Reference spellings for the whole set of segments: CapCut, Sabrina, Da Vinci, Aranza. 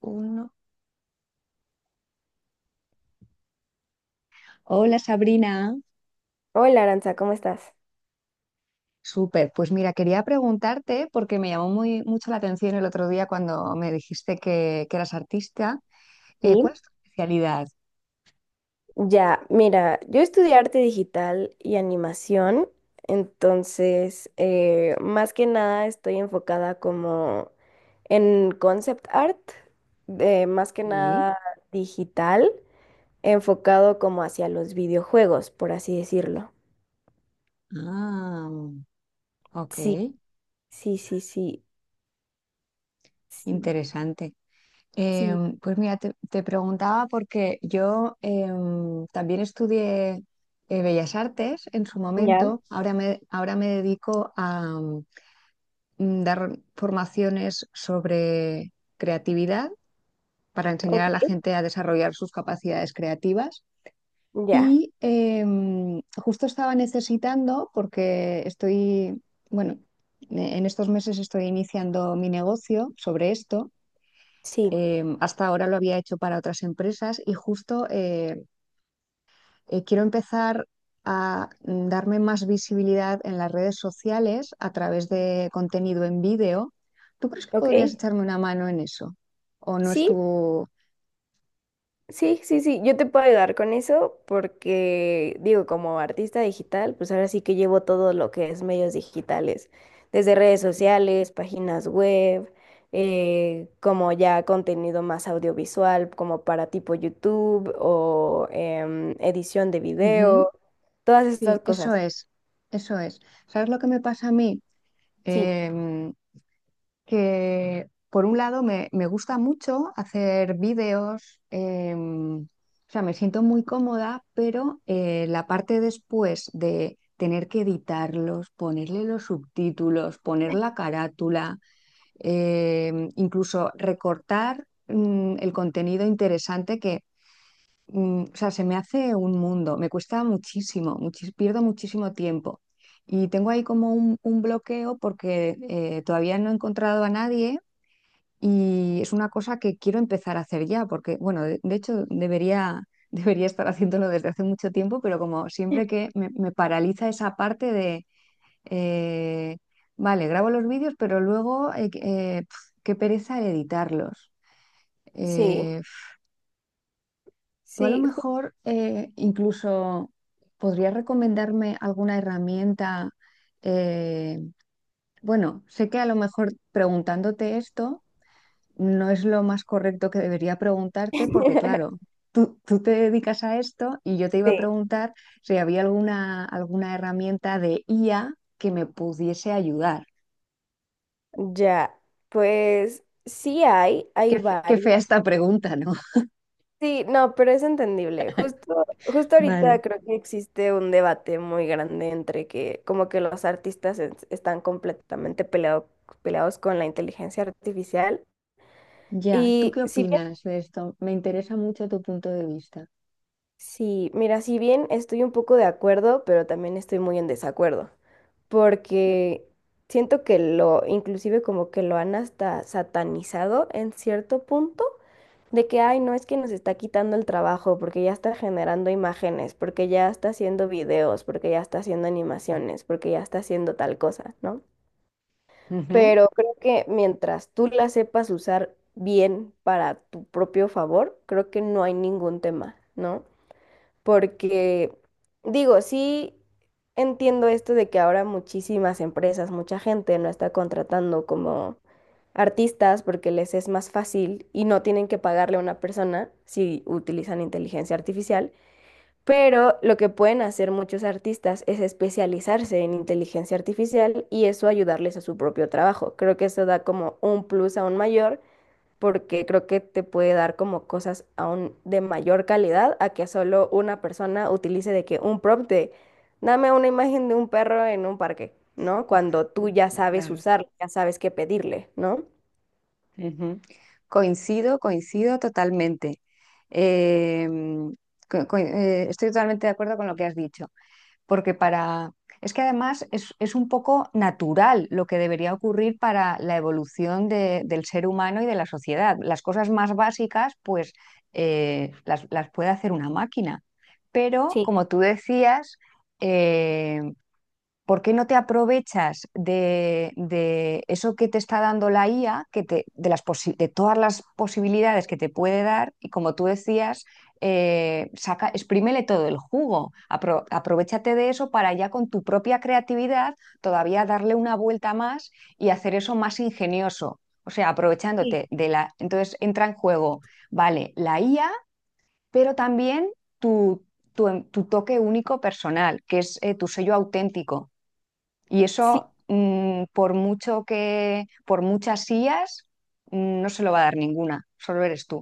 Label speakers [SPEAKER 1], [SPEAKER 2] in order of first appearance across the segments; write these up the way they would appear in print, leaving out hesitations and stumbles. [SPEAKER 1] Uno. Hola Sabrina,
[SPEAKER 2] Hola Aranza, ¿cómo estás?
[SPEAKER 1] súper. Pues mira, quería preguntarte porque me llamó mucho la atención el otro día cuando me dijiste que eras artista.
[SPEAKER 2] Sí,
[SPEAKER 1] ¿Cuál es tu especialidad?
[SPEAKER 2] ya, mira, yo estudié arte digital y animación, entonces más que nada estoy enfocada como en concept art, de más que
[SPEAKER 1] Sí.
[SPEAKER 2] nada digital, enfocado como hacia los videojuegos, por así decirlo.
[SPEAKER 1] Ah, ok,
[SPEAKER 2] Sí, sí, sí, sí, sí,
[SPEAKER 1] interesante.
[SPEAKER 2] sí.
[SPEAKER 1] Pues mira, te preguntaba porque yo también estudié Bellas Artes en su
[SPEAKER 2] Ya,
[SPEAKER 1] momento. Ahora me dedico a dar formaciones sobre creatividad para enseñar
[SPEAKER 2] ok,
[SPEAKER 1] a la gente a desarrollar sus capacidades creativas.
[SPEAKER 2] ya,
[SPEAKER 1] Y justo estaba necesitando, porque estoy, bueno, en estos meses estoy iniciando mi negocio sobre esto.
[SPEAKER 2] sí,
[SPEAKER 1] Hasta ahora lo había hecho para otras empresas y justo quiero empezar a darme más visibilidad en las redes sociales a través de contenido en vídeo. ¿Tú crees que
[SPEAKER 2] ok,
[SPEAKER 1] podrías echarme una mano en eso? ¿O no es
[SPEAKER 2] sí,
[SPEAKER 1] tu...
[SPEAKER 2] sí, sí, sí, yo te puedo ayudar con eso porque, digo, como artista digital, pues ahora sí que llevo todo lo que es medios digitales, desde redes sociales, páginas web, como ya contenido más audiovisual, como para tipo YouTube o edición de video,
[SPEAKER 1] Ujú.
[SPEAKER 2] todas estas
[SPEAKER 1] Sí, eso
[SPEAKER 2] cosas.
[SPEAKER 1] es, eso es. ¿Sabes lo que me pasa a mí?
[SPEAKER 2] Sí,
[SPEAKER 1] Em, que por un lado me gusta mucho hacer vídeos, o sea, me siento muy cómoda, pero la parte después de tener que editarlos, ponerle los subtítulos, poner la carátula, incluso recortar, el contenido interesante que o sea, se me hace un mundo, me cuesta muchísimo, pierdo muchísimo tiempo. Y tengo ahí como un bloqueo porque todavía no he encontrado a nadie y es una cosa que quiero empezar a hacer ya, porque, bueno, de hecho debería, debería estar haciéndolo desde hace mucho tiempo, pero como siempre que me paraliza esa parte de, eh, vale, grabo los vídeos, pero luego, qué pereza el editarlos.
[SPEAKER 2] sí,
[SPEAKER 1] Eh, Tú a lo
[SPEAKER 2] sí.
[SPEAKER 1] mejor incluso podrías recomendarme alguna herramienta. eh, bueno, sé que a lo mejor preguntándote esto no es lo más correcto que debería preguntarte porque claro, tú te dedicas a esto y yo te iba a
[SPEAKER 2] Sí,
[SPEAKER 1] preguntar si había alguna herramienta de IA que me pudiese ayudar.
[SPEAKER 2] ya, pues sí hay,
[SPEAKER 1] Qué, qué
[SPEAKER 2] varios.
[SPEAKER 1] fea esta pregunta, ¿no?
[SPEAKER 2] Sí, no, pero es entendible. Justo ahorita
[SPEAKER 1] Vale.
[SPEAKER 2] creo que existe un debate muy grande entre que como que los artistas están peleados con la inteligencia artificial.
[SPEAKER 1] Ya, ¿tú
[SPEAKER 2] Y
[SPEAKER 1] qué
[SPEAKER 2] si bien
[SPEAKER 1] opinas de esto? Me interesa mucho tu punto de vista.
[SPEAKER 2] Sí, mira, si bien estoy un poco de acuerdo, pero también estoy muy en desacuerdo, porque siento que lo, inclusive como que lo han hasta satanizado en cierto punto, de que, ay, no es que nos está quitando el trabajo, porque ya está generando imágenes, porque ya está haciendo videos, porque ya está haciendo animaciones, porque ya está haciendo tal cosa, ¿no?
[SPEAKER 1] Ujú.
[SPEAKER 2] Pero creo que mientras tú la sepas usar bien para tu propio favor, creo que no hay ningún tema, ¿no? Porque digo, sí entiendo esto de que ahora muchísimas empresas, mucha gente no está contratando como artistas porque les es más fácil y no tienen que pagarle a una persona si utilizan inteligencia artificial, pero lo que pueden hacer muchos artistas es especializarse en inteligencia artificial y eso ayudarles a su propio trabajo. Creo que eso da como un plus aún mayor porque creo que te puede dar como cosas aún de mayor calidad a que solo una persona utilice de que un prompt de dame una imagen de un perro en un parque, ¿no? Cuando tú ya sabes
[SPEAKER 1] Claro.
[SPEAKER 2] usarlo, ya sabes qué pedirle, ¿no?
[SPEAKER 1] Ujú. Coincido, coincido totalmente. Eh, Estoy totalmente de acuerdo con lo que has dicho, porque para... Es que además es un poco natural lo que debería ocurrir para la evolución del ser humano y de la sociedad. Las cosas más básicas, pues las puede hacer una máquina. Pero,
[SPEAKER 2] Sí,
[SPEAKER 1] como tú decías, eh, ¿por qué no te aprovechas de eso que te está dando la IA, que te, de, las posi- de todas las posibilidades que te puede dar? Y como tú decías, saca, exprímele todo el jugo, aprovechate de eso para ya con tu propia creatividad todavía darle una vuelta más y hacer eso más ingenioso. O sea, aprovechándote de la... Entonces entra en juego, vale, la IA, pero también tu, tu toque único personal, que es tu sello auténtico y
[SPEAKER 2] sí.
[SPEAKER 1] eso, por mucho que, por muchas sillas, no se lo va a dar ninguna, solo eres tú.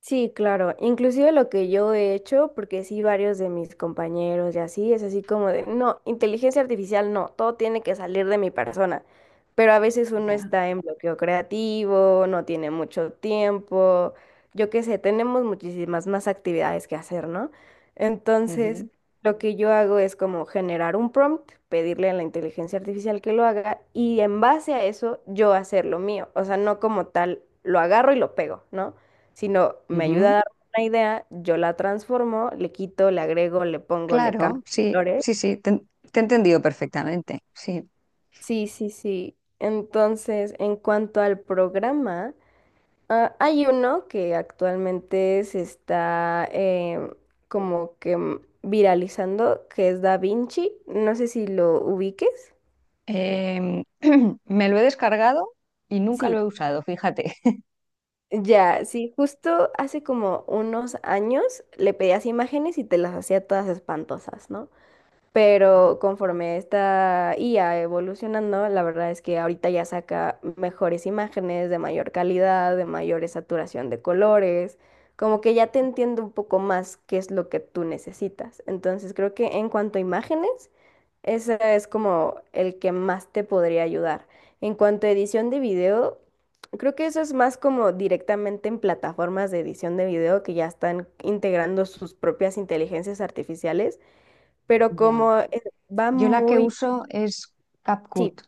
[SPEAKER 2] Sí, claro. Inclusive lo que yo he hecho, porque sí varios de mis compañeros y así, es así como de, no, inteligencia artificial no, todo tiene que salir de mi persona. Pero a veces uno
[SPEAKER 1] Ya.
[SPEAKER 2] está en bloqueo creativo, no tiene mucho tiempo, yo qué sé, tenemos muchísimas más actividades que hacer, ¿no? Entonces, lo que yo hago es como generar un prompt, pedirle a la inteligencia artificial que lo haga y en base a eso yo hacer lo mío, o sea, no como tal, lo agarro y lo pego, ¿no? Sino me
[SPEAKER 1] Ujú,
[SPEAKER 2] ayuda a
[SPEAKER 1] ujú.
[SPEAKER 2] dar una idea, yo la transformo, le quito, le agrego, le pongo, le cambio
[SPEAKER 1] Claro, sí,
[SPEAKER 2] colores.
[SPEAKER 1] sí, sí, te he entendido perfectamente, sí.
[SPEAKER 2] Sí, sí, sí. Entonces, en cuanto al programa, ah, hay uno que actualmente se está como que viralizando, que es Da Vinci. No sé si lo ubiques.
[SPEAKER 1] Em, me lo he descargado y nunca lo
[SPEAKER 2] Sí,
[SPEAKER 1] he usado, fíjate.
[SPEAKER 2] ya, sí, justo hace como unos años le pedías imágenes y te las hacía todas espantosas, ¿no? Pero conforme esta IA evolucionando, la verdad es que ahorita ya saca mejores imágenes de mayor calidad, de mayor saturación de colores, como que ya te entiendo un poco más qué es lo que tú necesitas. Entonces creo que en cuanto a imágenes, ese es como el que más te podría ayudar. En cuanto a edición de video, creo que eso es más como directamente en plataformas de edición de video que ya están integrando sus propias inteligencias artificiales, pero
[SPEAKER 1] Ya.
[SPEAKER 2] como va
[SPEAKER 1] Yo la que
[SPEAKER 2] muy...
[SPEAKER 1] uso es
[SPEAKER 2] Sí,
[SPEAKER 1] CapCut.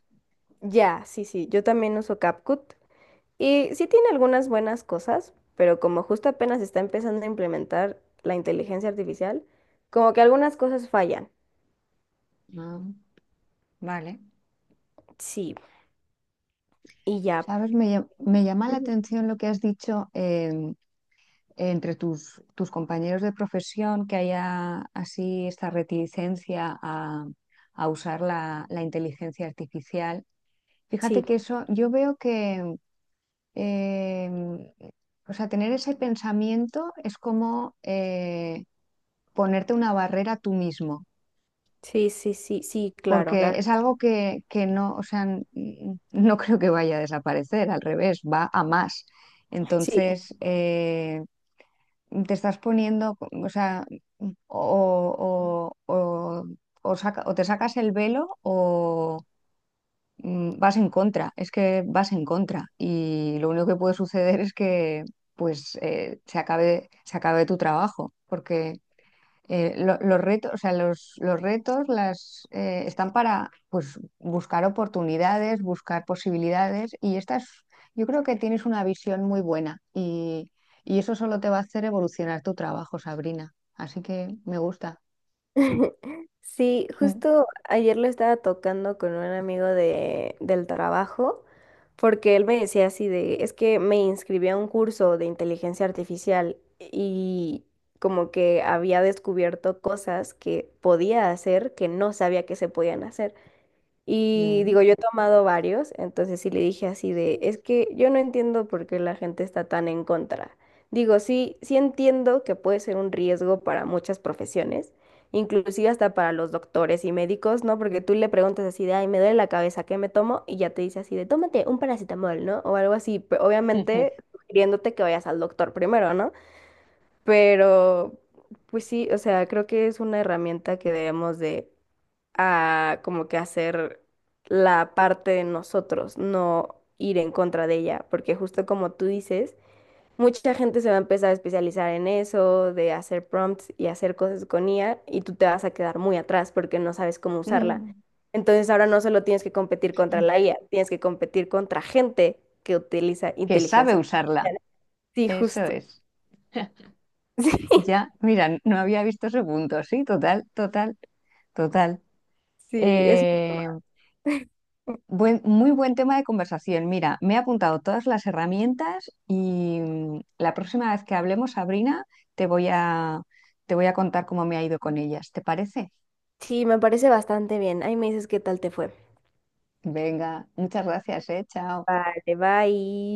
[SPEAKER 2] ya, sí, sí, yo también uso CapCut y sí tiene algunas buenas cosas, pero como justo apenas está empezando a implementar la inteligencia artificial, como que algunas cosas fallan.
[SPEAKER 1] Ah, vale.
[SPEAKER 2] Sí, y ya.
[SPEAKER 1] ¿Sabes? Me llama la
[SPEAKER 2] Ujú.
[SPEAKER 1] atención lo que has dicho. Entre tus compañeros de profesión que haya así esta reticencia a usar la inteligencia artificial.
[SPEAKER 2] Sí,
[SPEAKER 1] Fíjate que eso, yo veo eh, o sea, tener ese pensamiento es como ponerte una barrera tú mismo,
[SPEAKER 2] sí, sí, sí, sí, claro, la
[SPEAKER 1] porque
[SPEAKER 2] verdad,
[SPEAKER 1] es algo que no, o sea, no creo que vaya a desaparecer, al revés, va a más.
[SPEAKER 2] sí.
[SPEAKER 1] Entonces, te estás poniendo, o sea, mm, o, o, o, o o te sacas el velo o vas en contra, es que vas en contra y lo único que puede suceder es que pues se acabe tu trabajo, porque los retos, o sea, los retos las, están para pues, buscar oportunidades, buscar posibilidades y yo creo que tienes una visión muy buena y eso solo te va a hacer evolucionar tu trabajo, Sabrina. Así que me gusta.
[SPEAKER 2] Sí,
[SPEAKER 1] Mm.
[SPEAKER 2] justo ayer lo estaba tocando con un amigo de, del trabajo, porque él me decía así de, es que me inscribí a un curso de inteligencia artificial y como que había descubierto cosas que podía hacer que no sabía que se podían hacer. Y
[SPEAKER 1] Mm.
[SPEAKER 2] digo, yo he tomado varios, entonces sí le dije así de, es que yo no entiendo por qué la gente está tan en contra. Digo, sí, sí entiendo que puede ser un riesgo para muchas profesiones, inclusive hasta para los doctores y médicos, ¿no? Porque tú le preguntas así de, ay, me duele la cabeza, ¿qué me tomo? Y ya te dice así de, tómate un paracetamol, ¿no? O algo así, obviamente sugiriéndote que vayas al doctor primero, ¿no? Pero, pues sí, o sea, creo que es una herramienta que debemos de a como que hacer la parte de nosotros, no ir en contra de ella, porque justo como tú dices, mucha gente se va a empezar a especializar en eso, de hacer prompts y hacer cosas con IA, y tú te vas a quedar muy atrás porque no sabes cómo usarla. Entonces ahora no solo tienes que competir contra la IA, tienes que competir contra gente que utiliza
[SPEAKER 1] Que sabe
[SPEAKER 2] inteligencia
[SPEAKER 1] usarla,
[SPEAKER 2] artificial. Sí,
[SPEAKER 1] eso
[SPEAKER 2] justo.
[SPEAKER 1] es. Ya, mira, no había visto ese punto, sí, total, total, total.
[SPEAKER 2] Sí, sí, es...
[SPEAKER 1] Eh, Muy buen tema de conversación. Mira, me he apuntado todas las herramientas y la próxima vez que hablemos, Sabrina, te voy a, te voy a contar cómo me ha ido con ellas. ¿Te parece?
[SPEAKER 2] Sí, me parece bastante bien. Ahí me dices qué tal te fue.
[SPEAKER 1] Venga, muchas gracias, eh. Chao.
[SPEAKER 2] Vale, bye.